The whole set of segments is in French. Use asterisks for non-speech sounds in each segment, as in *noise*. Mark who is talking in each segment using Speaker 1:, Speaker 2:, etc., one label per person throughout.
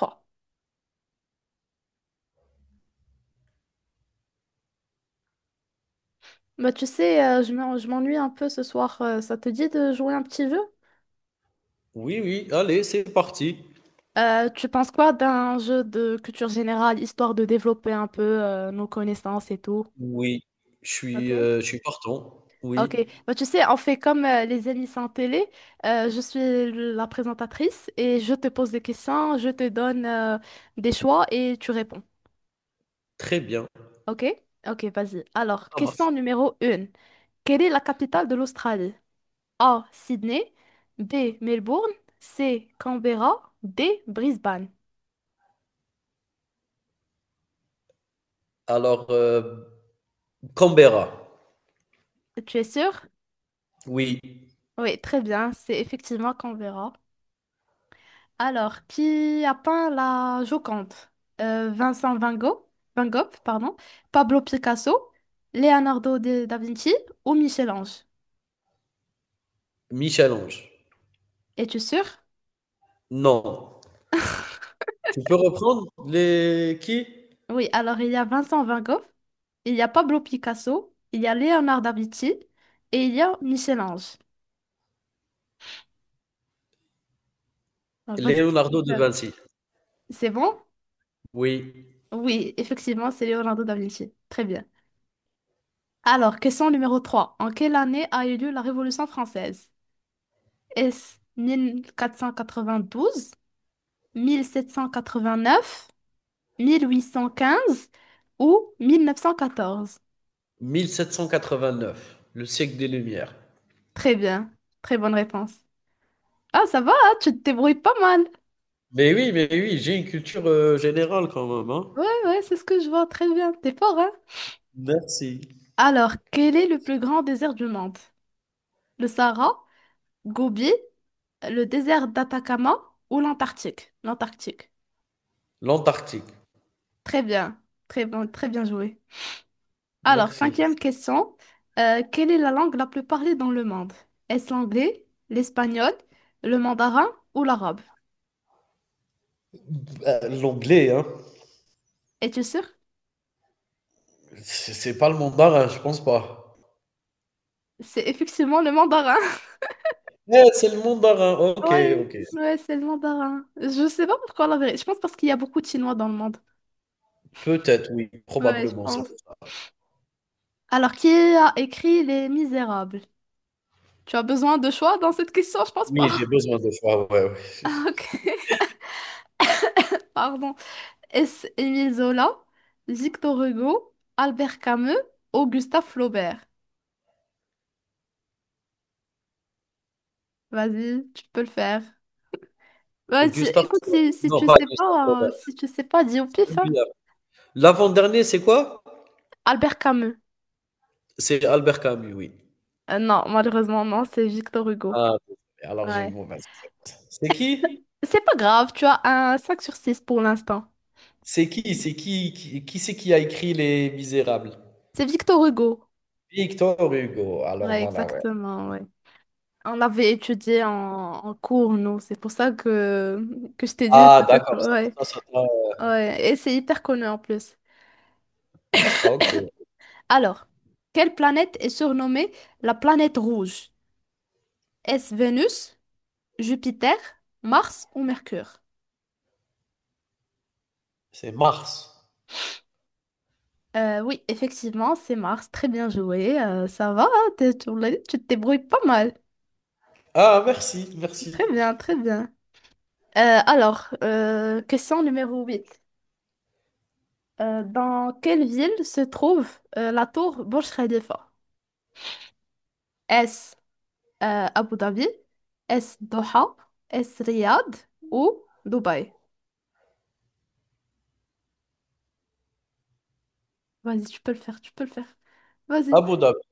Speaker 1: Oh. Bah, tu sais, je m'ennuie un peu ce soir. Ça te dit de jouer un petit jeu?
Speaker 2: Oui, oui, allez, c'est parti.
Speaker 1: Tu penses quoi d'un jeu de culture générale, histoire de développer un peu nos connaissances et tout?
Speaker 2: Oui,
Speaker 1: Ok.
Speaker 2: je suis partant. Oui,
Speaker 1: Ok. Bah, tu sais, on fait comme les émissions télé. Je suis la présentatrice et je te pose des questions, je te donne des choix et tu réponds.
Speaker 2: très bien,
Speaker 1: Ok? Ok, vas-y. Alors,
Speaker 2: ça marche.
Speaker 1: question numéro 1. Quelle est la capitale de l'Australie? A. Sydney. B. Melbourne. C. Canberra. D. Brisbane.
Speaker 2: Alors, Canberra.
Speaker 1: Tu es sûr?
Speaker 2: Oui.
Speaker 1: Oui, très bien. C'est effectivement Canberra. Alors, qui a peint la Joconde? Vincent Van Gogh, Van Gogh, pardon, Pablo Picasso, Leonardo da Vinci ou Michel-Ange?
Speaker 2: Michel-Ange.
Speaker 1: Es-tu sûr?
Speaker 2: Non. Tu peux reprendre les qui?
Speaker 1: Oui, alors il y a Vincent Van Gogh, il y a Pablo Picasso, il y a Leonardo da Vinci et il y a Michel-Ange. Ah, vas-y, tu peux le
Speaker 2: Leonardo de
Speaker 1: faire.
Speaker 2: Vinci.
Speaker 1: C'est bon?
Speaker 2: Oui.
Speaker 1: Oui, effectivement, c'est Leonardo da Vinci. Très bien. Alors, question numéro 3. En quelle année a eu lieu la Révolution française? Est-ce 1492, 1789, 1815 ou 1914?
Speaker 2: Mille sept cent quatre-vingt-neuf, le siècle des Lumières.
Speaker 1: Très bien. Très bonne réponse. Ah, ça va, hein, tu te débrouilles pas mal.
Speaker 2: Mais oui, j'ai une culture générale quand même, hein.
Speaker 1: Ouais, ouais, c'est ce que je vois. Très bien. T'es fort, hein?
Speaker 2: Merci.
Speaker 1: Alors, quel est le plus grand désert du monde? Le Sahara, Gobi, le désert d'Atacama ou l'Antarctique? L'Antarctique.
Speaker 2: L'Antarctique,
Speaker 1: Très bien, très bon, très bien joué. Alors,
Speaker 2: merci.
Speaker 1: cinquième question. Quelle est la langue la plus parlée dans le monde? Est-ce l'anglais, l'espagnol, le mandarin ou l'arabe?
Speaker 2: Bah, l'anglais, hein.
Speaker 1: Es-tu sûr?
Speaker 2: C'est pas le mandarin, je pense pas.
Speaker 1: C'est effectivement le mandarin. *laughs*
Speaker 2: Eh, c'est le mandarin. OK,
Speaker 1: Ouais,
Speaker 2: OK.
Speaker 1: ouais, c'est le mandarin. Je sais pas pourquoi la vérité. Je pense parce qu'il y a beaucoup de Chinois dans le monde.
Speaker 2: Peut-être, oui,
Speaker 1: Ouais, je
Speaker 2: probablement, c'est
Speaker 1: pense.
Speaker 2: pour ça.
Speaker 1: Alors, qui a écrit Les Misérables? Tu as besoin de choix dans cette question? Je pense
Speaker 2: Oui,
Speaker 1: pas.
Speaker 2: j'ai
Speaker 1: *laughs*
Speaker 2: besoin de choix, ouais, ouais.
Speaker 1: Ah, ok. *laughs* Pardon. Est-ce Émile Zola, Victor Hugo, Albert Camus ou Gustave Flaubert? Vas-y, tu peux le faire. Ouais,
Speaker 2: *laughs* Gustave.
Speaker 1: écoute, si
Speaker 2: Non,
Speaker 1: tu
Speaker 2: pas
Speaker 1: sais
Speaker 2: Gustave
Speaker 1: pas,
Speaker 2: Flaubert,
Speaker 1: si tu sais pas, dis au pif, hein.
Speaker 2: celui-là. L'avant-dernier, c'est quoi?
Speaker 1: Albert Camus.
Speaker 2: C'est Albert Camus, oui.
Speaker 1: Non, malheureusement, non, c'est Victor Hugo.
Speaker 2: Ah, alors j'ai une
Speaker 1: Ouais.
Speaker 2: mauvaise. C'est qui?
Speaker 1: C'est pas grave, tu as un 5/6 pour l'instant.
Speaker 2: C'est qui? C'est qui? Qui c'est qui a écrit Les Misérables?
Speaker 1: C'est Victor Hugo.
Speaker 2: Victor Hugo. Alors
Speaker 1: Ouais,
Speaker 2: voilà, ouais.
Speaker 1: exactement, ouais. On l'avait étudié en cours, nous. C'est pour ça que je t'ai dit
Speaker 2: Ah,
Speaker 1: peut-être,
Speaker 2: d'accord, c'est
Speaker 1: ouais.
Speaker 2: pour ça, ça t'a-
Speaker 1: Ouais, et c'est hyper connu en plus.
Speaker 2: OK,
Speaker 1: Alors, quelle planète est surnommée la planète rouge? Est-ce Vénus, Jupiter, Mars ou Mercure?
Speaker 2: c'est Mars.
Speaker 1: Oui, effectivement, c'est Mars. Très bien joué. Ça va, hein, tu te débrouilles pas mal.
Speaker 2: Ah, merci, merci.
Speaker 1: Très bien, très bien. Alors, question numéro 8. Dans quelle ville se trouve la tour Burj Khalifa? Est-ce Abu Dhabi? Est-ce Doha? Est-ce Riyad ou Dubaï? Vas-y, tu peux le faire, tu peux le faire. Vas-y.
Speaker 2: Abu Dhabi.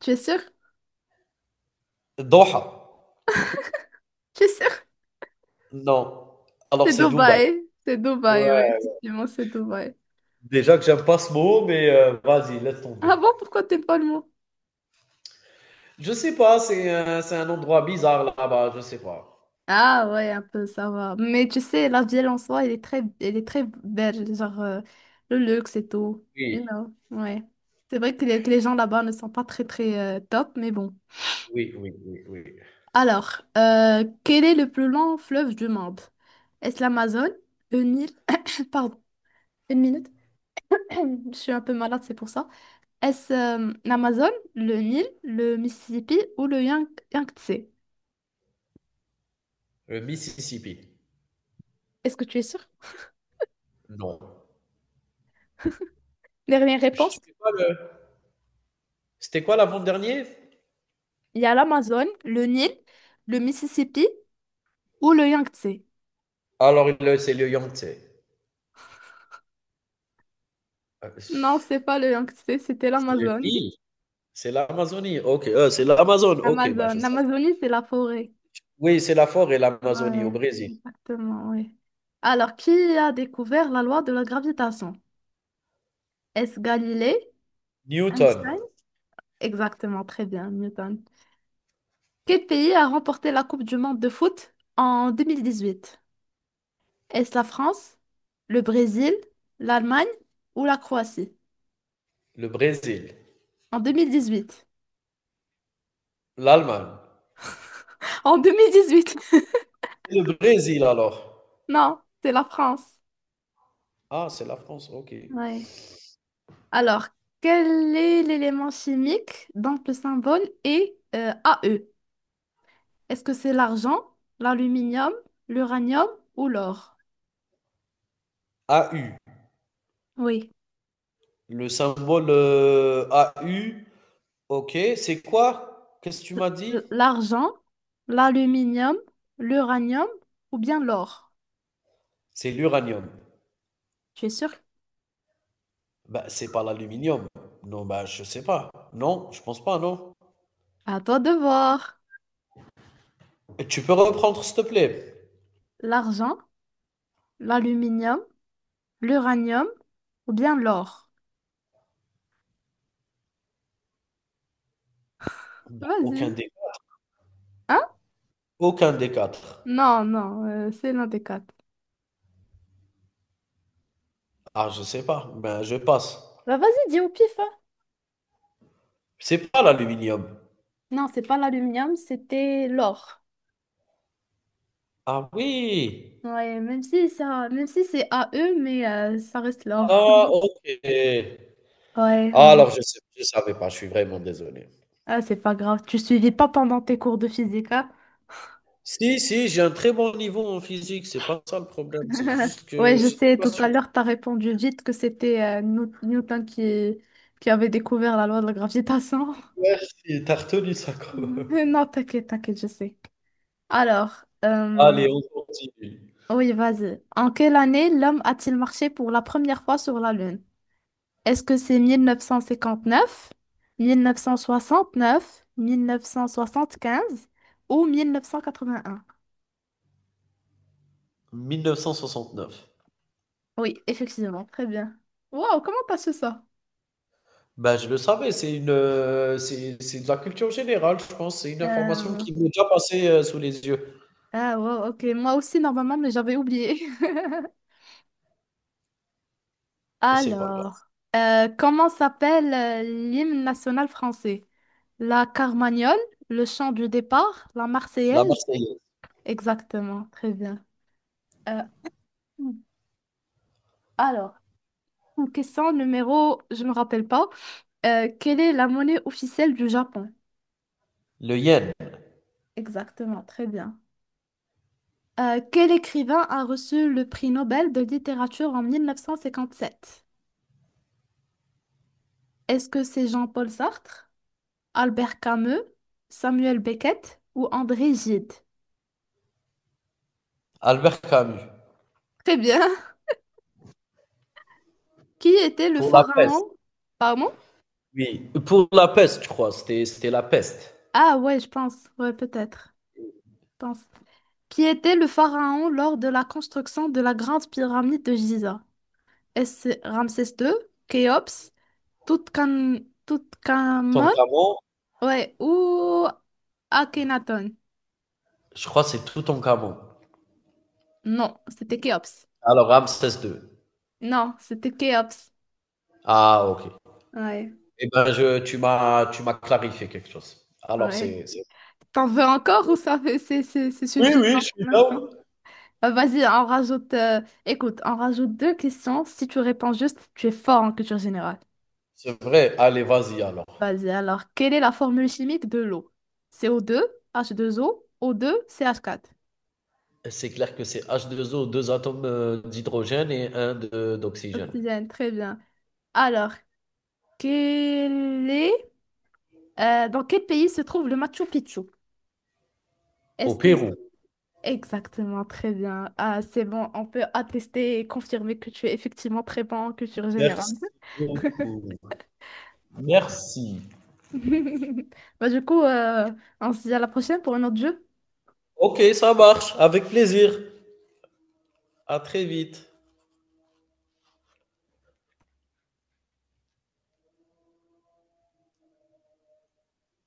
Speaker 1: Tu es sûr?
Speaker 2: Doha.
Speaker 1: Tu es sûr?
Speaker 2: Non, alors
Speaker 1: C'est
Speaker 2: c'est Dubaï.
Speaker 1: Dubaï. C'est Dubaï, oui.
Speaker 2: Ouais,
Speaker 1: Effectivement, c'est Dubaï.
Speaker 2: déjà que j'aime pas ce mot, mais vas-y, laisse tomber.
Speaker 1: Ah bon, pourquoi t'es pas le mot?
Speaker 2: Je sais pas, c'est un endroit bizarre là-bas, je sais pas.
Speaker 1: Ah ouais, un peu, ça va. Mais tu sais, la ville en soi, elle est très belle. Genre, le luxe et tout.
Speaker 2: Oui,
Speaker 1: You know, ouais. C'est vrai que les gens là-bas ne sont pas très, très top, mais bon.
Speaker 2: oui, oui, oui, oui.
Speaker 1: Alors, quel est le plus long fleuve du monde? Est-ce l'Amazone? Une île? *coughs* Pardon, une minute. *coughs* Je suis un peu malade, c'est pour ça. Est-ce l'Amazon, le Nil, le Mississippi ou le Yangtze?
Speaker 2: Le Mississippi.
Speaker 1: Est-ce que tu es sûr?
Speaker 2: Non.
Speaker 1: Dernière
Speaker 2: Je sais
Speaker 1: réponse.
Speaker 2: pas, le c'était quoi l'avant-dernier?
Speaker 1: Il y a l'Amazon, le Nil, le Mississippi ou le Yangtze.
Speaker 2: Alors le c'est le Yangtze. Heu,
Speaker 1: Non, c'est pas le Yangtze, c'était
Speaker 2: c'est le
Speaker 1: l'Amazon. *laughs*
Speaker 2: Nil? C'est l'Amazonie? OK, c'est l'Amazone? OK, bah,
Speaker 1: L'Amazon.
Speaker 2: je sais.
Speaker 1: L'Amazonie, c'est la forêt.
Speaker 2: Oui, c'est la forêt, l'Amazonie au
Speaker 1: Ouais,
Speaker 2: Brésil.
Speaker 1: exactement, oui. Alors, qui a découvert la loi de la gravitation? Est-ce Galilée?
Speaker 2: Newton,
Speaker 1: Einstein? Exactement, très bien, Newton. Quel pays a remporté la Coupe du monde de foot en 2018? Est-ce la France, le Brésil, l'Allemagne ou la Croatie?
Speaker 2: le Brésil,
Speaker 1: En 2018.
Speaker 2: l'Allemagne.
Speaker 1: En 2018. *laughs*
Speaker 2: Le Brésil alors.
Speaker 1: Non, c'est la France.
Speaker 2: Ah, c'est la France, ok.
Speaker 1: Ouais. Alors, quel est l'élément chimique dont le symbole est AE? Est-ce que c'est l'argent, l'aluminium, l'uranium ou l'or?
Speaker 2: AU,
Speaker 1: Oui.
Speaker 2: le symbole AU, ok, c'est quoi? Qu'est-ce que tu m'as dit?
Speaker 1: L'argent, l'aluminium, l'uranium ou bien l'or?
Speaker 2: C'est l'uranium.
Speaker 1: Tu es sûr?
Speaker 2: Bah, c'est pas l'aluminium. Non, bah, je sais pas. Non, je pense pas, non.
Speaker 1: À toi de voir.
Speaker 2: Et tu peux reprendre, s'il te plaît?
Speaker 1: L'argent, l'aluminium, l'uranium ou bien l'or?
Speaker 2: Bah, aucun
Speaker 1: Vas-y.
Speaker 2: des,
Speaker 1: Hein?
Speaker 2: Aucun des quatre.
Speaker 1: Non, non, c'est l'un des quatre.
Speaker 2: Ah, je sais pas. Ben, je passe.
Speaker 1: Bah vas-y, dis au pif, hein.
Speaker 2: C'est pas l'aluminium.
Speaker 1: Non, c'est pas l'aluminium, c'était l'or.
Speaker 2: Ah oui.
Speaker 1: Ouais, même si c'est AE, mais ça reste l'or.
Speaker 2: Ah,
Speaker 1: *laughs*
Speaker 2: ok.
Speaker 1: Ouais,
Speaker 2: Ah,
Speaker 1: ouais.
Speaker 2: alors, je sais, je savais pas. Je suis vraiment désolé.
Speaker 1: Ah, c'est pas grave. Tu suivais pas pendant tes cours de physique, hein?
Speaker 2: Si, si, j'ai un très bon niveau en physique, c'est pas ça le problème, c'est
Speaker 1: *laughs*
Speaker 2: juste que
Speaker 1: Ouais, je
Speaker 2: j'étais
Speaker 1: sais,
Speaker 2: pas
Speaker 1: tout à
Speaker 2: sûr.
Speaker 1: l'heure, t'as répondu vite que c'était Newton qui avait découvert la loi de la gravitation. *laughs*
Speaker 2: Merci, tu retenu ça quand même.
Speaker 1: Non, t'inquiète, t'inquiète, je sais. Alors,
Speaker 2: Allez, on continue.
Speaker 1: oui, vas-y. En quelle année l'homme a-t-il marché pour la première fois sur la Lune? Est-ce que c'est 1959, 1969, mille neuf cent soixante-quinze ou 1981?
Speaker 2: 1969.
Speaker 1: Oui, effectivement, très bien. Wow, comment t'as su ça?
Speaker 2: Ben, je le savais, c'est une, c'est de la culture générale, je pense, c'est une information
Speaker 1: Euh,
Speaker 2: qui m'est déjà passée, sous les yeux.
Speaker 1: Ah, wow, ok. Moi aussi, normalement, mais j'avais oublié. *laughs*
Speaker 2: C'est pas grave.
Speaker 1: Alors, comment s'appelle l'hymne national français? La Carmagnole, le chant du départ, la
Speaker 2: La
Speaker 1: Marseillaise?
Speaker 2: Marseillaise,
Speaker 1: Exactement, très bien. Euh, alors, question numéro, je me rappelle pas. Quelle est la monnaie officielle du Japon?
Speaker 2: le Yen,
Speaker 1: Exactement, très bien. Quel écrivain a reçu le prix Nobel de littérature en 1957? Est-ce que c'est Jean-Paul Sartre, Albert Camus, Samuel Beckett ou André Gide?
Speaker 2: Albert Camus,
Speaker 1: Très bien. *laughs* Qui était le
Speaker 2: pour la peste,
Speaker 1: pharaon? Pardon?
Speaker 2: oui, pour la peste, je crois, c'était la peste.
Speaker 1: Ah ouais, je pense. Ouais, peut-être. Je pense. Qui était le pharaon lors de la construction de la grande pyramide de Gizeh? S Ramsès II, Khéops, Toutankhamon,
Speaker 2: Toutankhamon,
Speaker 1: ouais, ou Akhenaton.
Speaker 2: je crois que c'est Toutankhamon.
Speaker 1: Non, c'était Khéops.
Speaker 2: Alors Ramsès II.
Speaker 1: Non, c'était Khéops.
Speaker 2: Ah OK.
Speaker 1: Ouais,
Speaker 2: Eh ben, tu m'as clarifié quelque chose. Alors,
Speaker 1: ouais.
Speaker 2: c'est-
Speaker 1: T'en veux encore ou c'est
Speaker 2: Oui,
Speaker 1: suffisant
Speaker 2: oui, je suis
Speaker 1: pour
Speaker 2: down.
Speaker 1: l'instant? Vas-y, on rajoute. Écoute, on rajoute deux questions. Si tu réponds juste, tu es fort en culture générale.
Speaker 2: C'est vrai. Allez, vas-y alors.
Speaker 1: Vas-y, alors, quelle est la formule chimique de l'eau? CO2, H2O, O2, CH4.
Speaker 2: C'est clair que c'est H2O, 2 O, deux atomes d'hydrogène et un d'oxygène.
Speaker 1: Oxygène, très bien. Alors, Quel est, dans quel pays se trouve le Machu Picchu?
Speaker 2: Au
Speaker 1: Est-ce que...
Speaker 2: Pérou.
Speaker 1: Exactement, très bien. Ah, c'est bon, on peut attester et confirmer que tu es effectivement très bon en culture générale.
Speaker 2: Merci beaucoup.
Speaker 1: *laughs*
Speaker 2: Merci.
Speaker 1: Bah, du coup, on se dit à la prochaine pour un autre jeu.
Speaker 2: Ok, ça marche. Avec plaisir. À très vite.